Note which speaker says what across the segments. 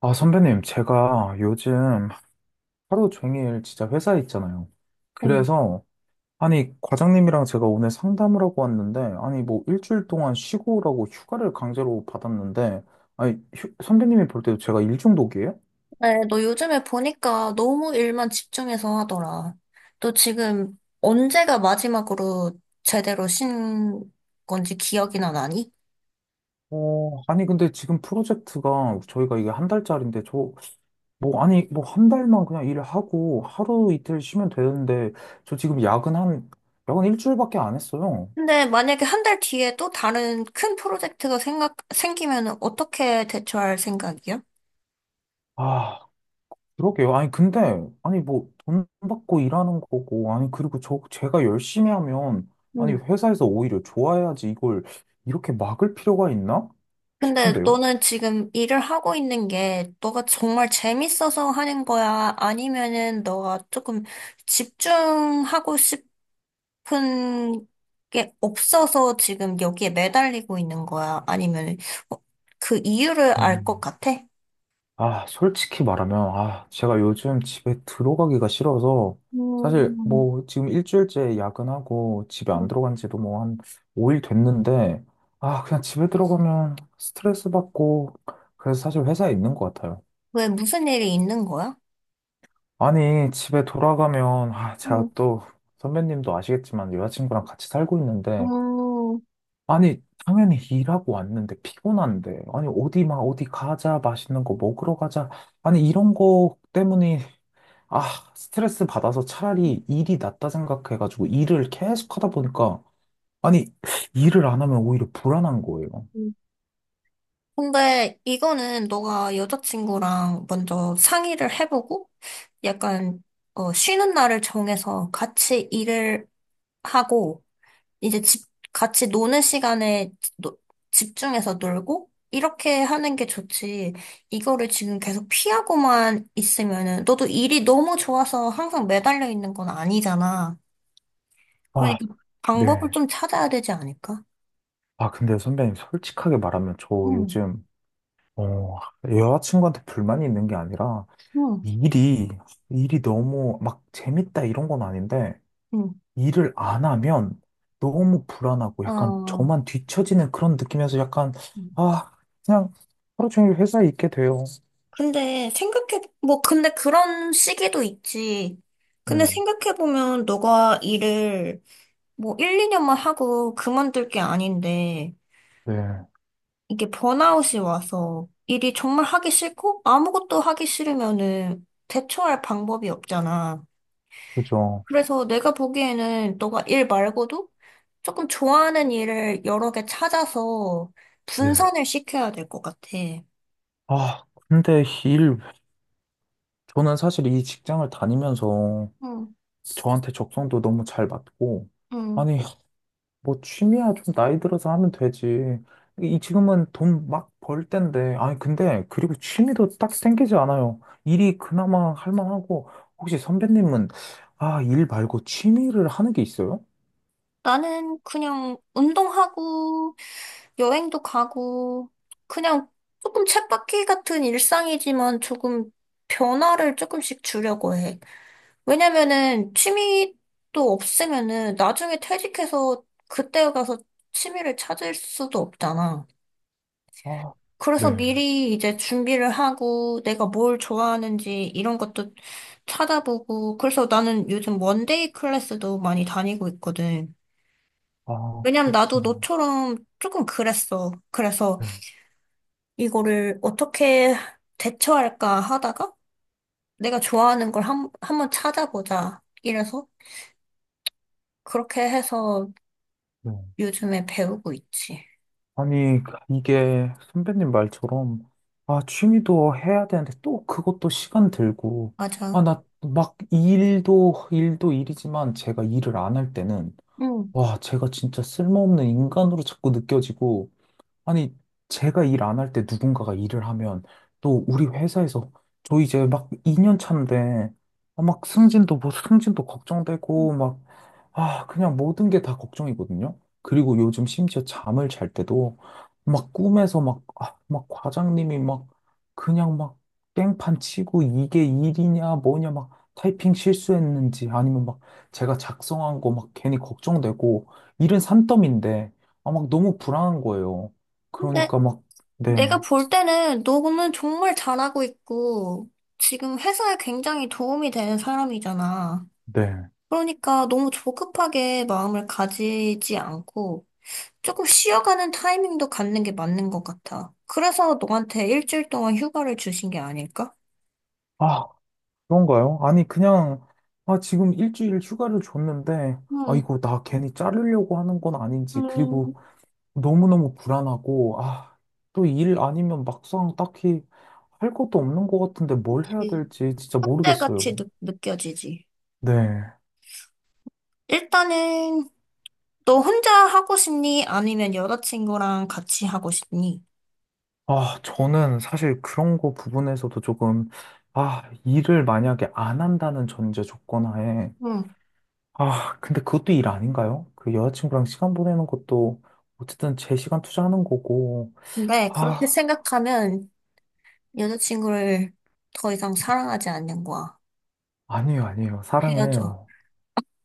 Speaker 1: 아, 선배님, 제가 요즘 하루 종일 진짜 회사에 있잖아요.
Speaker 2: 응.
Speaker 1: 그래서, 아니, 과장님이랑 제가 오늘 상담을 하고 왔는데, 아니, 뭐, 일주일 동안 쉬고 오라고 휴가를 강제로 받았는데, 아니, 선배님이 볼 때도 제가 일 중독이에요?
Speaker 2: 네, 너 요즘에 보니까 너무 일만 집중해서 하더라. 너 지금 언제가 마지막으로 제대로 쉰 건지 기억이나 나니?
Speaker 1: 어, 아니, 근데 지금 프로젝트가 저희가 이게 한 달짜리인데, 저, 뭐, 아니, 뭐, 한 달만 그냥 일을 하고 하루 이틀 쉬면 되는데, 저 지금 야근 한, 야근 일주일밖에 안 했어요.
Speaker 2: 근데 만약에 한 달 뒤에 또 다른 큰 프로젝트가 생기면 어떻게 대처할 생각이야?
Speaker 1: 아, 그러게요. 아니, 근데, 아니, 뭐, 돈 받고 일하는 거고, 아니, 그리고 저, 제가 열심히 하면, 아니,
Speaker 2: 응.
Speaker 1: 회사에서 오히려 좋아해야지 이걸 이렇게 막을 필요가 있나
Speaker 2: 근데
Speaker 1: 싶은데요.
Speaker 2: 너는 지금 일을 하고 있는 게 너가 정말 재밌어서 하는 거야? 아니면은 너가 조금 집중하고 싶 큰 게 없어서 지금 여기에 매달리고 있는 거야? 아니면 어, 그 이유를 알 것
Speaker 1: 음.
Speaker 2: 같아?
Speaker 1: 아, 솔직히 말하면, 아, 제가 요즘 집에 들어가기가 싫어서, 사실
Speaker 2: 음.
Speaker 1: 뭐, 지금 일주일째 야근하고 집에 안
Speaker 2: 음.
Speaker 1: 들어간 지도 뭐 한 5일 됐는데, 아, 그냥 집에 들어가면 스트레스 받고, 그래서 사실 회사에 있는 것 같아요.
Speaker 2: 왜 무슨 일이 있는 거야?
Speaker 1: 아니, 집에 돌아가면, 아, 제가
Speaker 2: 음.
Speaker 1: 또, 선배님도 아시겠지만, 여자친구랑 같이 살고 있는데,
Speaker 2: 음.
Speaker 1: 아니, 당연히 일하고 왔는데, 피곤한데, 아니, 어디 막, 어디 가자, 맛있는 거 먹으러 가자. 아니, 이런 거 때문에, 아, 스트레스 받아서 차라리 일이 낫다 생각해가지고, 일을 계속 하다 보니까, 아니, 일을 안 하면 오히려 불안한 거예요.
Speaker 2: 음. 근데 이거는 너가 여자친구랑 먼저 상의를 해보고 약간 쉬는 날을 정해서 같이 일을 하고 이제 집, 같이 노는 시간에 노- 집중해서 놀고, 이렇게 하는 게 좋지. 이거를 지금 계속 피하고만 있으면은, 너도 일이 너무 좋아서 항상 매달려 있는 건 아니잖아.
Speaker 1: 아,
Speaker 2: 그러니까 방법을
Speaker 1: 네.
Speaker 2: 좀 찾아야 되지 않을까?
Speaker 1: 아, 근데 선배님, 솔직하게 말하면, 저
Speaker 2: 응.
Speaker 1: 요즘, 어, 여자친구한테 불만이 있는 게 아니라,
Speaker 2: 응.
Speaker 1: 일이, 일이 너무 막 재밌다 이런 건 아닌데,
Speaker 2: 응.
Speaker 1: 일을 안 하면 너무 불안하고 약간
Speaker 2: 어,
Speaker 1: 저만 뒤처지는 그런 느낌에서 약간, 아, 그냥 하루 종일 회사에 있게 돼요.
Speaker 2: 근데 근데 그런 시기도 있지. 근데
Speaker 1: 네,
Speaker 2: 생각해보면 너가 일을 뭐 1, 2년만 하고 그만둘 게 아닌데,
Speaker 1: 네,
Speaker 2: 이게 번아웃이 와서 일이 정말 하기 싫고 아무것도 하기 싫으면은 대처할 방법이 없잖아.
Speaker 1: 그죠.
Speaker 2: 그래서 내가 보기에는 너가 일 말고도 조금 좋아하는 일을 여러 개 찾아서
Speaker 1: 네.
Speaker 2: 분산을 시켜야 될 것 같아.
Speaker 1: 아, 근데 일, 저는 사실 이 직장을 다니면서
Speaker 2: 응.
Speaker 1: 저한테 적성도 너무 잘 맞고,
Speaker 2: 응.
Speaker 1: 아니, 뭐 취미야 좀 나이 들어서 하면 되지. 이 지금은 돈 막 벌 때인데. 아니 근데 그리고 취미도 딱 생기지 않아요. 일이 그나마 할 만하고 혹시 선배님은 아, 일 말고 취미를 하는 게 있어요?
Speaker 2: 나는 그냥 운동하고 여행도 가고 그냥 조금 쳇바퀴 같은 일상이지만 조금 변화를 조금씩 주려고 해. 왜냐면은 취미도 없으면은 나중에 퇴직해서 그때 가서 취미를 찾을 수도 없잖아.
Speaker 1: 아, 네.
Speaker 2: 그래서 미리 이제 준비를 하고 내가 뭘 좋아하는지 이런 것도 찾아보고 그래서 나는 요즘 원데이 클래스도 많이 다니고 있거든.
Speaker 1: 아,
Speaker 2: 왜냐면 나도
Speaker 1: 그렇구나.
Speaker 2: 너처럼 조금 그랬어. 그래서
Speaker 1: 네,
Speaker 2: 이거를 어떻게 대처할까 하다가 내가 좋아하는 걸 한번 찾아보자. 이래서 그렇게 해서
Speaker 1: 네.
Speaker 2: 요즘에 배우고 있지.
Speaker 1: 아니 이게 선배님 말처럼 아, 취미도 해야 되는데 또 그것도 시간 들고 아,
Speaker 2: 맞아.
Speaker 1: 나 막 일도 일도 일이지만 제가 일을 안 할 때는
Speaker 2: 응.
Speaker 1: 와, 제가 진짜 쓸모없는 인간으로 자꾸 느껴지고, 아니, 제가 일 안할 때 누군가가 일을 하면 또 우리 회사에서 저 이제 막 2년 차인데 아, 막 승진도 뭐 승진도 걱정되고 막 아, 그냥 모든 게 다 걱정이거든요. 그리고 요즘 심지어 잠을 잘 때도 막 꿈에서 막, 아, 막 과장님이 막 그냥 막 깽판 치고 이게 일이냐 뭐냐 막 타이핑 실수했는지 아니면 막 제가 작성한 거 막 괜히 걱정되고 일은 산더미인데 아, 막 너무 불안한 거예요.
Speaker 2: 근데
Speaker 1: 그러니까 막,
Speaker 2: 내가
Speaker 1: 네,
Speaker 2: 볼 때는 너는 정말 잘하고 있고, 지금 회사에 굉장히 도움이 되는 사람이잖아.
Speaker 1: 네.
Speaker 2: 그러니까 너무 조급하게 마음을 가지지 않고, 조금 쉬어가는 타이밍도 갖는 게 맞는 것 같아. 그래서 너한테 일주일 동안 휴가를 주신 게 아닐까?
Speaker 1: 아, 그런가요? 아니, 그냥, 아, 지금 일주일 휴가를 줬는데, 아,
Speaker 2: 응.
Speaker 1: 이거 나 괜히 자르려고 하는 건 아닌지, 그리고
Speaker 2: 음.
Speaker 1: 너무너무 불안하고, 아, 또 일 아니면 막상 딱히 할 것도 없는 것 같은데 뭘 해야
Speaker 2: 그치.
Speaker 1: 될지 진짜 모르겠어요.
Speaker 2: 그때같이 느껴지지.
Speaker 1: 네.
Speaker 2: 일단은 너 혼자 하고 싶니? 아니면 여자친구랑 같이 하고 싶니?
Speaker 1: 아, 저는 사실 그런 거 부분에서도 조금, 아, 일을 만약에 안 한다는 전제 조건 하에,
Speaker 2: 응.
Speaker 1: 아, 근데 그것도 일 아닌가요? 그 여자친구랑 시간 보내는 것도 어쨌든 제 시간 투자하는 거고.
Speaker 2: 근데 그렇게
Speaker 1: 아,
Speaker 2: 생각하면 여자친구를 더 이상 사랑하지 않는 거야.
Speaker 1: 아니에요, 아니에요. 사랑은
Speaker 2: 헤어져.
Speaker 1: 해요.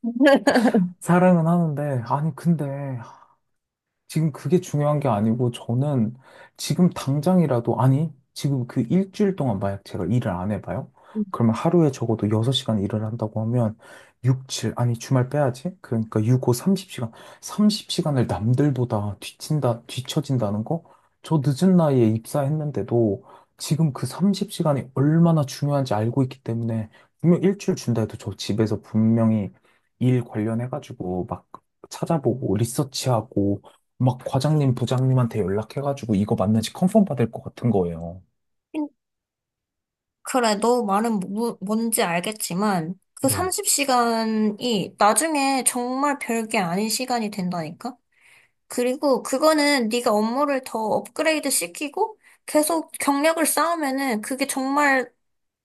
Speaker 1: 사랑은 하는데, 아니, 근데, 지금 그게 중요한 게 아니고 저는 지금 당장이라도 아니 지금 그 일주일 동안 만약 제가 일을 안 해봐요? 그러면 하루에 적어도 6시간 일을 한다고 하면 6, 7 아니 주말 빼야지 그러니까 6, 5, 30시간을 남들보다 뒤친다 뒤처진다는 거? 저 늦은 나이에 입사했는데도 지금 그 30시간이 얼마나 중요한지 알고 있기 때문에 분명 일주일 준다 해도 저 집에서 분명히 일 관련해가지고 막 찾아보고 리서치하고 막 과장님, 부장님한테 연락해가지고 이거 맞는지 컨펌 받을 것 같은 거예요.
Speaker 2: 음. 그래, 뭐, 뭔지 알겠지만, 그
Speaker 1: 네,
Speaker 2: 30시간이 나중에 정말 별게 아닌 시간이 된다니까? 그리고 그거는 네가 업무를 더 업그레이드 시키고 계속 경력을 쌓으면은 그게 정말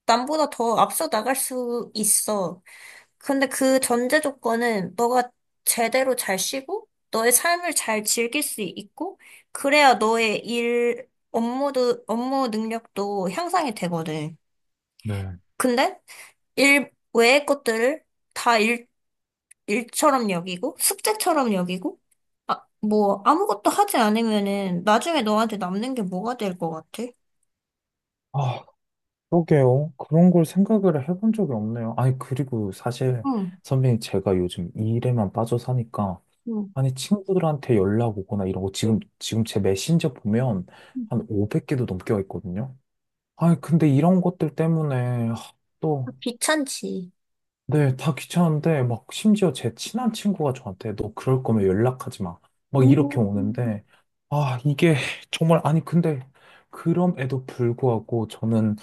Speaker 2: 남보다 더 앞서 나갈 수 있어. 근데 그 전제 조건은 너가 제대로 잘 쉬고, 너의 삶을 잘 즐길 수 있고, 그래야 너의 일, 업무도, 업무 능력도 향상이 되거든.
Speaker 1: 네,
Speaker 2: 근데 일 외의 것들을 다 일처럼 여기고, 숙제처럼 여기고, 아, 뭐, 아무것도 하지 않으면은 나중에 너한테 남는 게 뭐가 될 것 같아?
Speaker 1: 아, 그러게요. 그런 걸 생각을 해본 적이 없네요. 아니, 그리고 사실
Speaker 2: 응.
Speaker 1: 선배님 제가 요즘 이 일에만 빠져 사니까
Speaker 2: 응.
Speaker 1: 아니, 친구들한테 연락 오거나 이런 거 지금 제 메신저 보면
Speaker 2: 응.
Speaker 1: 한 500개도 넘게 와 있거든요. 아니, 근데 이런 것들 때문에 하, 또
Speaker 2: 귀찮지.
Speaker 1: 네, 다 귀찮은데, 막, 심지어 제 친한 친구가 저한테, 너 그럴 거면 연락하지 마. 막, 이렇게
Speaker 2: 음.
Speaker 1: 오는데, 아, 이게, 정말, 아니, 근데, 그럼에도 불구하고, 저는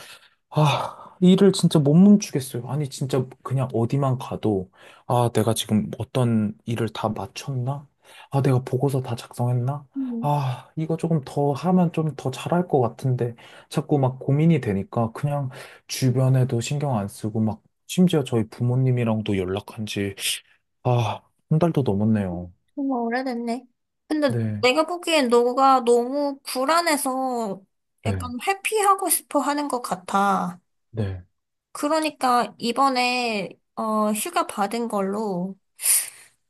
Speaker 1: 아, 일을 진짜 못 멈추겠어요. 아니, 진짜 그냥 어디만 가도, 아, 내가 지금 어떤 일을 다 마쳤나? 아, 내가 보고서 다 작성했나?
Speaker 2: 음.
Speaker 1: 아, 이거 조금 더 하면 좀 더 잘할 것 같은데, 자꾸 막 고민이 되니까 그냥 주변에도 신경 안 쓰고, 막, 심지어 저희 부모님이랑도 연락한 지, 아, 한 달도 넘었네요.
Speaker 2: 정말 오래됐네. 근데
Speaker 1: 네,
Speaker 2: 내가 보기엔 너가 너무 불안해서 약간
Speaker 1: 네,
Speaker 2: 회피하고 싶어 하는 것 같아.
Speaker 1: 네,
Speaker 2: 그러니까 이번에 휴가 받은 걸로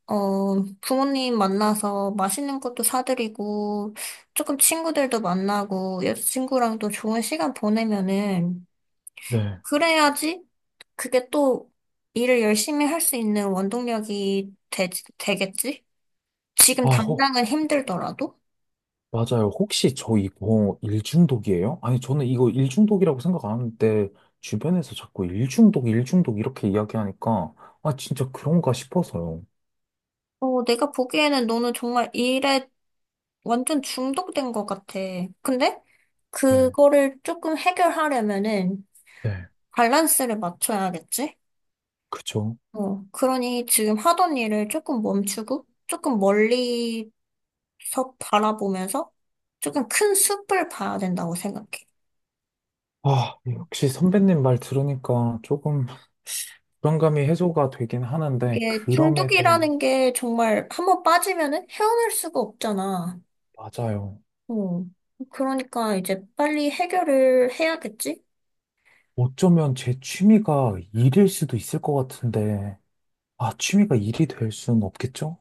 Speaker 2: 부모님 만나서 맛있는 것도 사드리고 조금 친구들도 만나고 여자친구랑도 좋은 시간 보내면은
Speaker 1: 네.
Speaker 2: 그래야지 그게 또 일을 열심히 할 수 있는 원동력이 되겠지? 지금
Speaker 1: 아,
Speaker 2: 당장은 힘들더라도?
Speaker 1: 맞아요. 혹시 저 이거 일중독이에요? 아니, 저는 이거 일중독이라고 생각 안 하는데, 주변에서 자꾸 일중독, 일중독 이렇게 이야기하니까, 아, 진짜 그런가 싶어서요.
Speaker 2: 어, 내가 보기에는 너는 정말 일에 완전 중독된 것 같아. 근데
Speaker 1: 네.
Speaker 2: 그거를 조금 해결하려면은
Speaker 1: 네,
Speaker 2: 밸런스를 맞춰야겠지?
Speaker 1: 그죠.
Speaker 2: 어, 그러니 지금 하던 일을 조금 멈추고 조금 멀리서 바라보면서 조금 큰 숲을 봐야 된다고 생각해.
Speaker 1: 아, 역시 선배님 말 들으니까 조금 불안감이 해소가 되긴 하는데,
Speaker 2: 이게
Speaker 1: 그럼에도,
Speaker 2: 중독이라는 게 정말 한번 빠지면은 헤어날 수가 없잖아.
Speaker 1: 맞아요.
Speaker 2: 어, 그러니까 이제 빨리 해결을 해야겠지?
Speaker 1: 어쩌면 제 취미가 일일 수도 있을 것 같은데, 아, 취미가 일이 될 수는 없겠죠?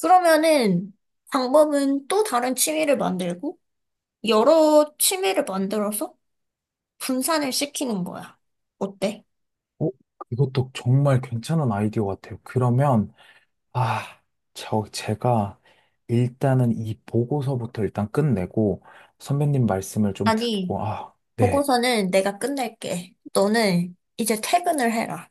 Speaker 2: 그러면은 방법은 또 다른 취미를 만들고 여러 취미를 만들어서 분산을 시키는 거야. 어때?
Speaker 1: 어, 이것도 정말 괜찮은 아이디어 같아요. 그러면, 아, 저, 제가 일단은 이 보고서부터 일단 끝내고 선배님 말씀을 좀
Speaker 2: 아니,
Speaker 1: 듣고, 아, 네.
Speaker 2: 보고서는 내가 끝낼게. 너는 이제 퇴근을 해라.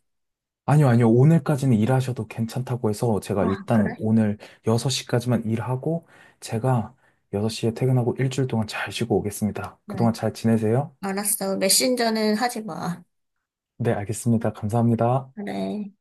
Speaker 1: 아니요, 아니요. 오늘까지는 일하셔도 괜찮다고 해서 제가
Speaker 2: 아,
Speaker 1: 일단
Speaker 2: 그래?
Speaker 1: 오늘 6시까지만 일하고 제가 6시에 퇴근하고 일주일 동안 잘 쉬고 오겠습니다.
Speaker 2: 그래.
Speaker 1: 그동안 잘 지내세요?
Speaker 2: 알았어. 메신저는 하지 마.
Speaker 1: 네, 알겠습니다. 감사합니다.
Speaker 2: 그래.